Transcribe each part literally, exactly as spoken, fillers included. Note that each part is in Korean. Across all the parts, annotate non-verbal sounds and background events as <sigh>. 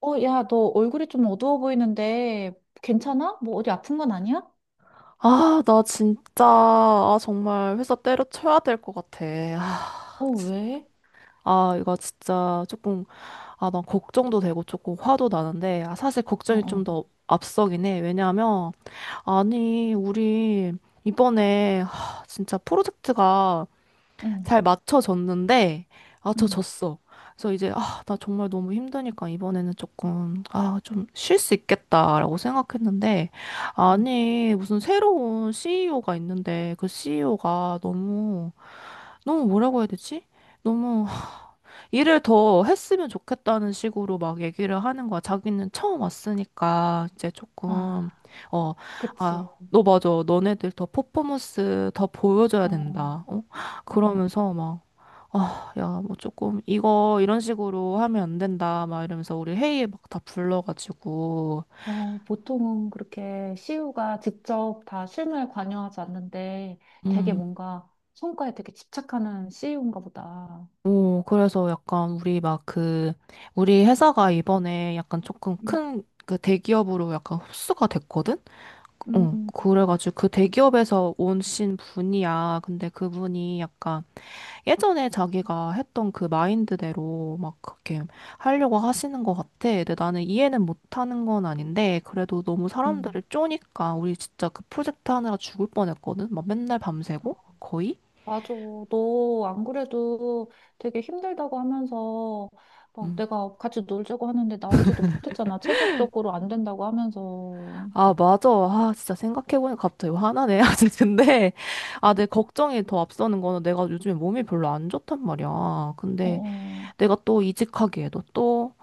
어, 야, 너 얼굴이 좀 어두워 보이는데 괜찮아? 뭐 어디 아픈 건 아니야? 아, 나 진짜, 아, 정말 회사 때려쳐야 될 것 같아. 아, 어, 진- 왜? 아, 이거 진짜 조금, 아, 난 걱정도 되고 조금 화도 나는데, 아, 사실 어, 걱정이 좀 어, 더 앞서긴 해. 왜냐하면, 아니, 우리 이번에, 하, 진짜 프로젝트가 응, 잘 맞춰졌는데 응, 맞춰졌어. 그래서 이제 아, 나 정말 너무 힘드니까 이번에는 조금 아, 좀 쉴 수 있겠다라고 생각했는데 응. 아니, 무슨 새로운 씨이오가 있는데 그 씨이오가 너무 너무 뭐라고 해야 되지? 너무 일을 더 했으면 좋겠다는 식으로 막 얘기를 하는 거야. 자기는 처음 왔으니까 이제 조금 아, 어, 그치. 아, 너 맞아. 너네들 더 퍼포먼스 더 보여줘야 어, 된다. 어? 어, 그러면서 막 아, 야, 뭐 조금 이거 이런 식으로 하면 안 된다 막 이러면서 우리 회의에 막 다 불러가지고 어, 보통은 그렇게 씨유가 직접 다 실무에 관여하지 않는데 되게 음. 뭔가 성과에 되게 집착하는 씨유인가 보다. 오, 그래서 약간 우리 막 그 우리 회사가 이번에 약간 조금 음, 큰 그 대기업으로 약간 흡수가 됐거든? 음, 어, 음. 그래가지고 그 대기업에서 오신 분이야. 근데 그분이 약간 예전에 자기가 했던 그 마인드대로 막 그렇게 하려고 하시는 것 같아. 근데 나는 이해는 못하는 건 아닌데, 그래도 너무 음. 사람들을 쪼니까 우리 진짜 그 프로젝트 하느라 죽을 뻔했거든? 막 맨날 밤새고? 거의? 맞아. 너 안 그래도 되게 힘들다고 하면서 막 음. 내가 같이 놀자고 하는데 나오지도 못했잖아. 체력적으로 안 된다고 하면서. 어, 아, 맞아. 아, 진짜 생각해보니까 갑자기 화나네. <laughs> 아직 근데, 아, 내 걱정이 더 앞서는 거는 내가 요즘에 몸이 별로 안 좋단 말이야. 근데 어, 내가 또 이직하기에도 또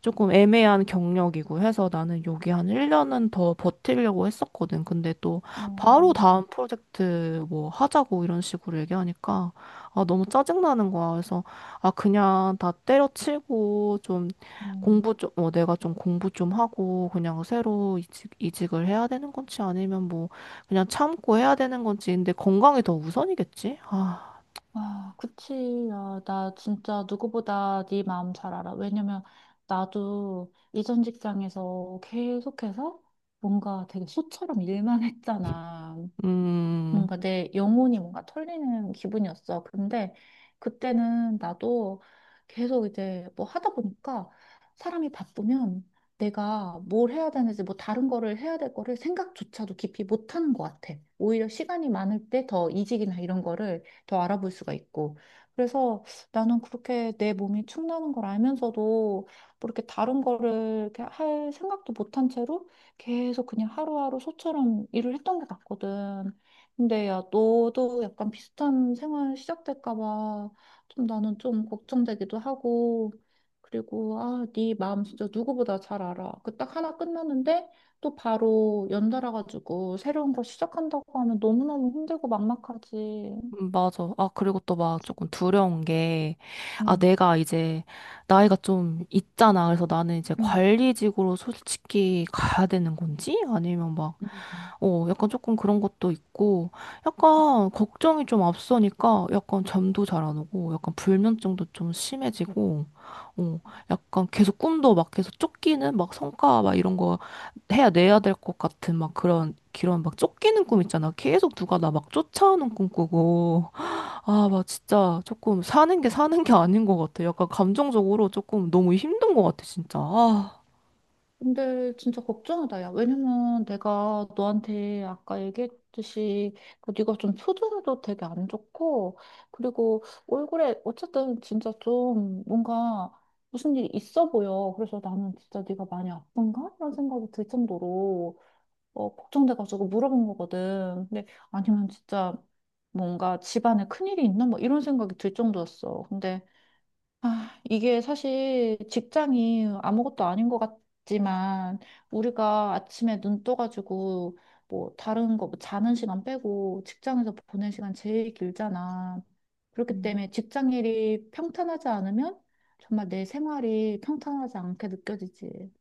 조금 애매한 경력이고 해서 나는 여기 한 일 년은 더 버티려고 했었거든. 근데 또 어, 바로 다음 프로젝트 뭐 하자고 이런 식으로 얘기하니까 아, 너무 짜증나는 거야. 그래서 아, 그냥 다 때려치고 좀 음. 공부 좀, 어, 내가 좀 공부 좀 하고 그냥 새로 이직, 이직을 해야 되는 건지 아니면 뭐 그냥 참고 해야 되는 건지. 근데 건강이 더 우선이겠지? 아, 아, 그치. 야, 나 진짜 누구보다 네 마음 잘 알아. 왜냐면 나도 이전 직장에서 계속해서 뭔가 되게 소처럼 일만 했잖아. 음. 뭔가 내 영혼이 뭔가 털리는 기분이었어. 근데 그때는 나도 계속 이제 뭐 하다 보니까 사람이 바쁘면 내가 뭘 해야 되는지 뭐 다른 거를 해야 될 거를 생각조차도 깊이 못 하는 것 같아. 오히려 시간이 많을 때 더 이직이나 이런 거를 더 알아볼 수가 있고. 그래서 나는 그렇게 내 몸이 축나는 걸 알면서도 뭐 이렇게 다른 거를 이렇게 할 생각도 못한 채로 계속 그냥 하루하루 소처럼 일을 했던 것 같거든. 근데 야, 너도 약간 비슷한 생활 시작될까 봐 좀 나는 좀 걱정되기도 하고 그리고 아, 네 마음 진짜 누구보다 잘 알아. 그 딱 하나 끝났는데 또 바로 연달아 가지고 새로운 거 시작한다고 하면 너무너무 힘들고 막막하지. 음, 맞아. 아, 그리고 또 막 조금 두려운 게, 아, 응, 내가 이제 나이가 좀 있잖아. 그래서 나는 이제 응. 관리직으로 솔직히 가야 되는 건지? 아니면 막, 응 어, 약간 조금 그런 것도 있고, 약간 걱정이 좀 앞서니까 약간 잠도 잘 안 오고, 약간 불면증도 좀 심해지고, 어, 약간 계속 꿈도 막 계속 쫓기는 막 성과 막 이런 거 해야 내야 될 것 같은 막 그런, 그런 막 쫓기는 꿈 있잖아. 계속 누가 나 막 쫓아오는 꿈 꾸고. 아, 막 진짜 조금 사는 게 사는 게 아닌 것 같아. 약간 감정적으로 조금 너무 힘든 것 같아, 진짜. 아, 근데 진짜 걱정이다, 야. 왜냐면 내가 너한테 아까 얘기했듯이 그 네가 좀 표정도 되게 안 좋고 그리고 얼굴에 어쨌든 진짜 좀 뭔가 무슨 일이 있어 보여. 그래서 나는 진짜 네가 많이 아픈가? 이런 생각이 들 정도로 어, 걱정돼가지고 물어본 거거든. 근데 아니면 진짜 뭔가 집안에 큰일이 있나? 뭐 이런 생각이 들 정도였어. 근데 아, 이게 사실 직장이 아무것도 아닌 것 같지만 우리가 아침에 눈 떠가지고 뭐 다른 거뭐 자는 시간 빼고 직장에서 보낸 시간 제일 길잖아. 그렇기 음. 때문에 직장 일이 평탄하지 않으면 정말 내 생활이 평탄하지 않게 느껴지지.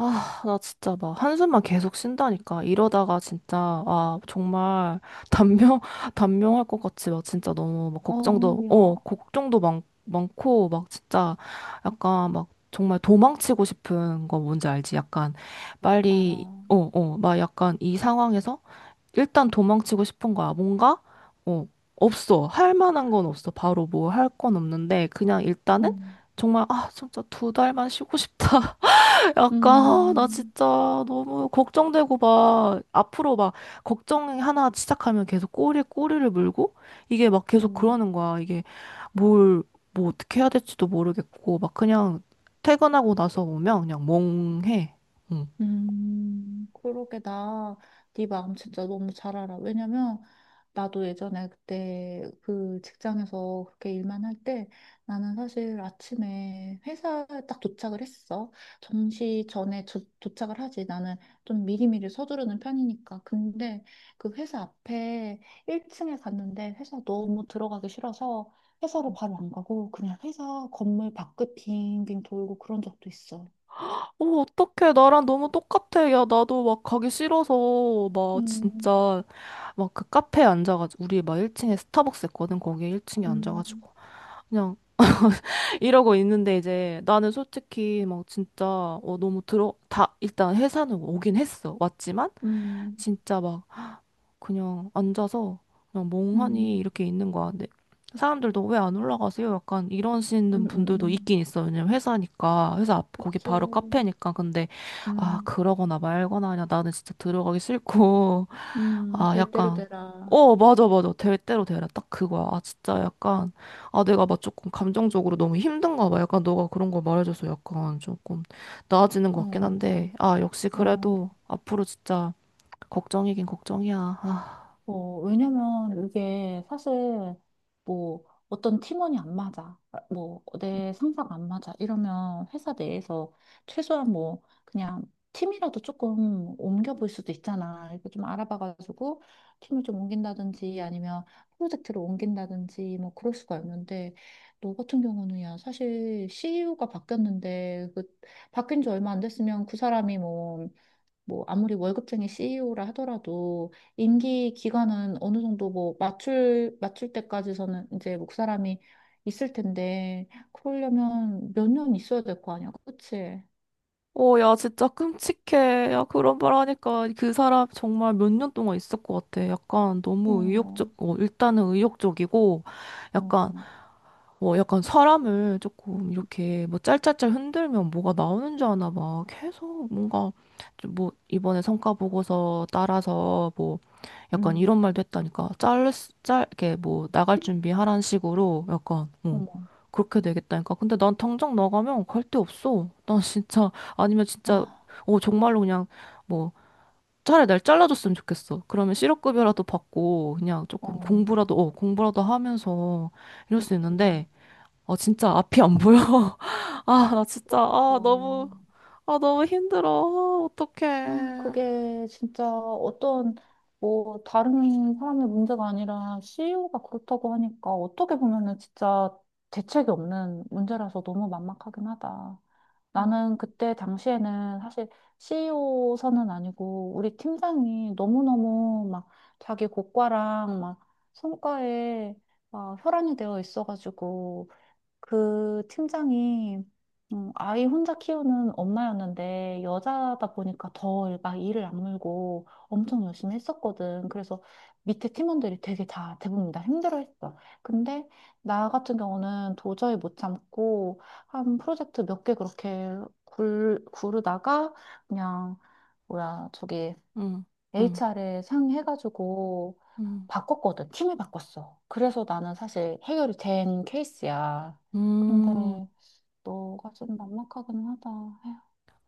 아, 나 진짜 막 한숨만 계속 쉰다니까. 이러다가 진짜, 아, 정말 단명, <laughs> 단명할 것 같이 막 진짜 너무 막 어, 걱정도, 어, 야, 걱정도 많, 많고, 막 진짜 약간 막 정말 도망치고 싶은 거 뭔지 알지? 약간 빨리, 어, 알아. 어, 막 약간 이 상황에서 일단 도망치고 싶은 거야. 뭔가, 어, 없어. 할 만한 건 없어. 바로 뭐 할 건 없는데, 그냥 일단은 음, 정말, 아, 진짜 두 달만 쉬고 싶다. <laughs> 약간, 아, 나 음, 진짜 너무 걱정되고 막, 앞으로 막, 걱정 하나 시작하면 계속 꼬리에 꼬리를 물고, 이게 막 계속 음. 그러는 거야. 이게 뭘, 뭐 어떻게 해야 될지도 모르겠고, 막 그냥 퇴근하고 나서 오면 그냥 멍해. 응. 음, 그러게 나 네 마음 진짜 너무 잘 알아. 왜냐면 나도 예전에 그때 그 직장에서 그렇게 일만 할 때 나는 사실 아침에 회사에 딱 도착을 했어. 정시 전에 저- 도착을 하지. 나는 좀 미리미리 서두르는 편이니까. 근데 그 회사 앞에 일 층에 갔는데 회사 너무 들어가기 싫어서 회사로 바로 안 가고 그냥 회사 건물 밖을 빙빙 돌고 그런 적도 있어. 어, 어떡해. 나랑 너무 똑같아. 야, 나도 막 가기 싫어서, 막 음, 진짜, 막 그 카페에 앉아가지고, 우리 막 일 층에 스타벅스 했거든. 거기에 일 층에 음. 앉아가지고. 그냥 이러고 있는데 이제 나는 솔직히 막 진짜, 어, 너무 들어, 다, 일단 회사는 오긴 했어. 왔지만, 음, 진짜 막 그냥 앉아서 그냥 멍하니 음, 이렇게 있는 거야. 근데 사람들도 왜 안 올라가세요? 약간 이러시는 음, 음, 분들도 음. 있긴 있어요. 왜냐면 회사니까 회사 앞 거기 그치. 바로 카페니까. 근데 아 음, 그러거나 말거나 그냥 나는 진짜 들어가기 싫고 <laughs> 음, 아 될 대로 약간 되라. 어 맞아 맞아 될 대로 되라 딱 그거야. 아 진짜 약간 아 내가 막 조금 감정적으로 너무 힘든가 봐. 약간 너가 그런 거 말해줘서 약간 조금 나아지는 것 같긴 어, 한데 아 역시 어. 그래도 앞으로 진짜 걱정이긴 걱정이야. 아. 어, 왜냐면 이게 사실 뭐 어떤 팀원이 안 맞아. 아, 뭐 내 상사가 안 맞아. 이러면 회사 내에서 최소한 뭐 그냥 팀이라도 조금 옮겨볼 수도 있잖아. 이렇게 좀 알아봐가지고 팀을 좀 옮긴다든지 아니면 프로젝트를 옮긴다든지 뭐 그럴 수가 있는데 너 같은 경우는 야, 사실 씨이오가 바뀌었는데 그 바뀐 지 얼마 안 됐으면 그 사람이 뭐 뭐 아무리 월급쟁이 씨이오라 하더라도 임기 기간은 어느 정도 뭐 맞출 맞출 때까지서는 이제 목그 사람이 있을 텐데 그러려면 몇 년 있어야 될 거 아니야, 그치? 어, 야, 진짜 끔찍해. 야, 그런 말 하니까 그 사람 정말 몇 년 동안 있을 것 같아. 약간 너무 어, 의욕적, 어, 일단은 의욕적이고, 약간 어, 뭐 약간 사람을 조금 이렇게 뭐 짤짤짤 흔들면 뭐가 나오는 줄 아나 봐. 계속 뭔가 좀뭐 이번에 성과 보고서 따라서 뭐 약간 음. 이런 말도 했다니까. 짤, 짤, 이렇게 뭐 나갈 준비하라는 식으로 약간, 어, 어머, 그렇게 되겠다니까. 근데 난 당장 나가면 갈 데 없어. 난 진짜, 아니면 진짜, 아, 어, 정말로 그냥 뭐 차라리 날 잘라줬으면 좋겠어. 그러면 실업급여라도 받고 그냥 조금 어, 공부라도, 어, 공부라도 하면서 이럴 수 맞아. 있는데 아, 진짜 앞이 안 보여. <laughs> 아, 나 진짜, 그러니까. 아, 너무, 아, 너무 힘들어. 아, 아, 어떡해. 그게 진짜 어떤 뭐 다른 사람의 문제가 아니라 씨이오가 그렇다고 하니까 어떻게 보면은 진짜 대책이 없는 문제라서 너무 막막하긴 하다. 나는 그때 당시에는 사실 씨이오 선은 아니고 우리 팀장이 너무너무 막 자기 고과랑 막 성과에 막 혈안이 되어 있어가지고 그 팀장이 음, 아이 혼자 키우는 엄마였는데 여자다 보니까 더 막 일을 악물고 엄청 열심히 했었거든. 그래서 밑에 팀원들이 되게 다 대부분 다 힘들어했어. 근데 나 같은 경우는 도저히 못 참고 한 프로젝트 몇 개 그렇게 굴, 구르다가 그냥 뭐야 저기 응, 응, 에이치알에 상의해가지고 응. 바꿨거든. 팀을 바꿨어. 그래서 나는 사실 해결이 된 케이스야. 근데 음, 너가 좀 막막하긴 하다.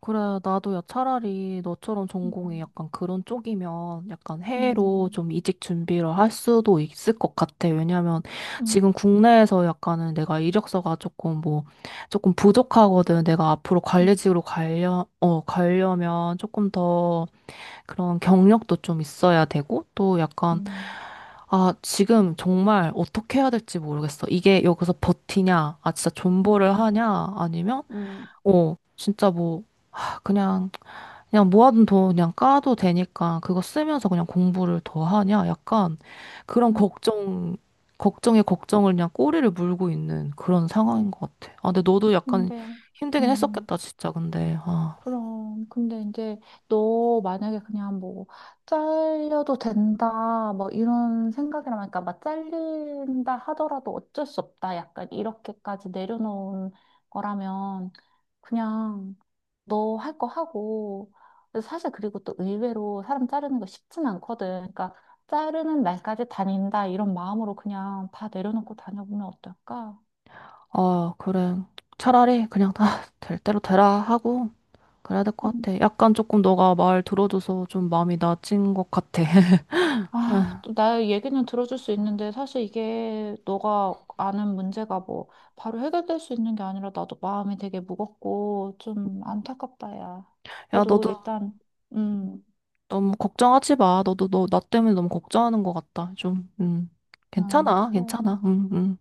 그래, 나도 야, 차라리 너처럼 에휴, 전공이 약간 그런 쪽이면 약간 음, 해외로 음, 좀 이직 준비를 할 수도 있을 것 같아. 왜냐면 음, 지금 국내에서 약간은 내가 이력서가 조금 뭐, 조금 부족하거든. 내가 앞으로 음, 관리직으로 가려, 어, 가려면 조금 더 그런 경력도 좀 있어야 되고, 또 약간 음, 아, 지금 정말 어떻게 해야 될지 모르겠어. 이게 여기서 버티냐, 아, 진짜 존버를 음, 하냐, 아니면, 음, 어, 진짜 뭐, 하, 그냥, 그냥 모아둔 돈 그냥 까도 되니까 그거 쓰면서 그냥 공부를 더 하냐, 약간 그런 음. 걱정, 걱정에 걱정을 그냥 꼬리를 물고 있는 그런 상황인 것 같아. 아, 근데 너도 약간 근데, 힘들긴 음, 했었겠다, 진짜, 근데. 아, 그럼. 근데 이제 너 만약에 그냥 뭐, 잘려도 된다, 뭐 이런 생각이라면, 그러니까 막 잘린다 하더라도 어쩔 수 없다. 약간 이렇게까지 내려놓은 거라면, 그냥 너 할 거 하고 그래서 사실 그리고 또 의외로 사람 자르는 거 쉽진 않거든. 그러니까 자르는 날까지 다닌다 이런 마음으로 그냥 다 내려놓고 다녀보면 어떨까? 아, 그래. 차라리 그냥 다 될 대로 되라 하고. 그래야 될 것 음. 같아. 약간 조금 너가 말 들어줘서 좀 마음이 나아진 것 같아. <laughs> 아, 또 나의 얘기는 들어줄 수 있는데 사실 이게 너가 아는 문제가 뭐 바로 해결될 수 있는 게 아니라 나도 마음이 되게 무겁고 좀 안타깝다, 야. 야, 그래도 너도 일단, 음, 너무 걱정하지 마. 너도 너, 나 때문에 너무 걱정하는 것 같다. 좀, 음. 음, 괜찮아, 그래, 괜찮아. 응, 응,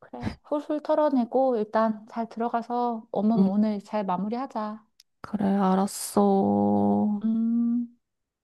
그래. 훌훌 털어내고 일단 잘 들어가서 업무 응. 오늘 잘 마무리하자. 그래, 알았어. 음,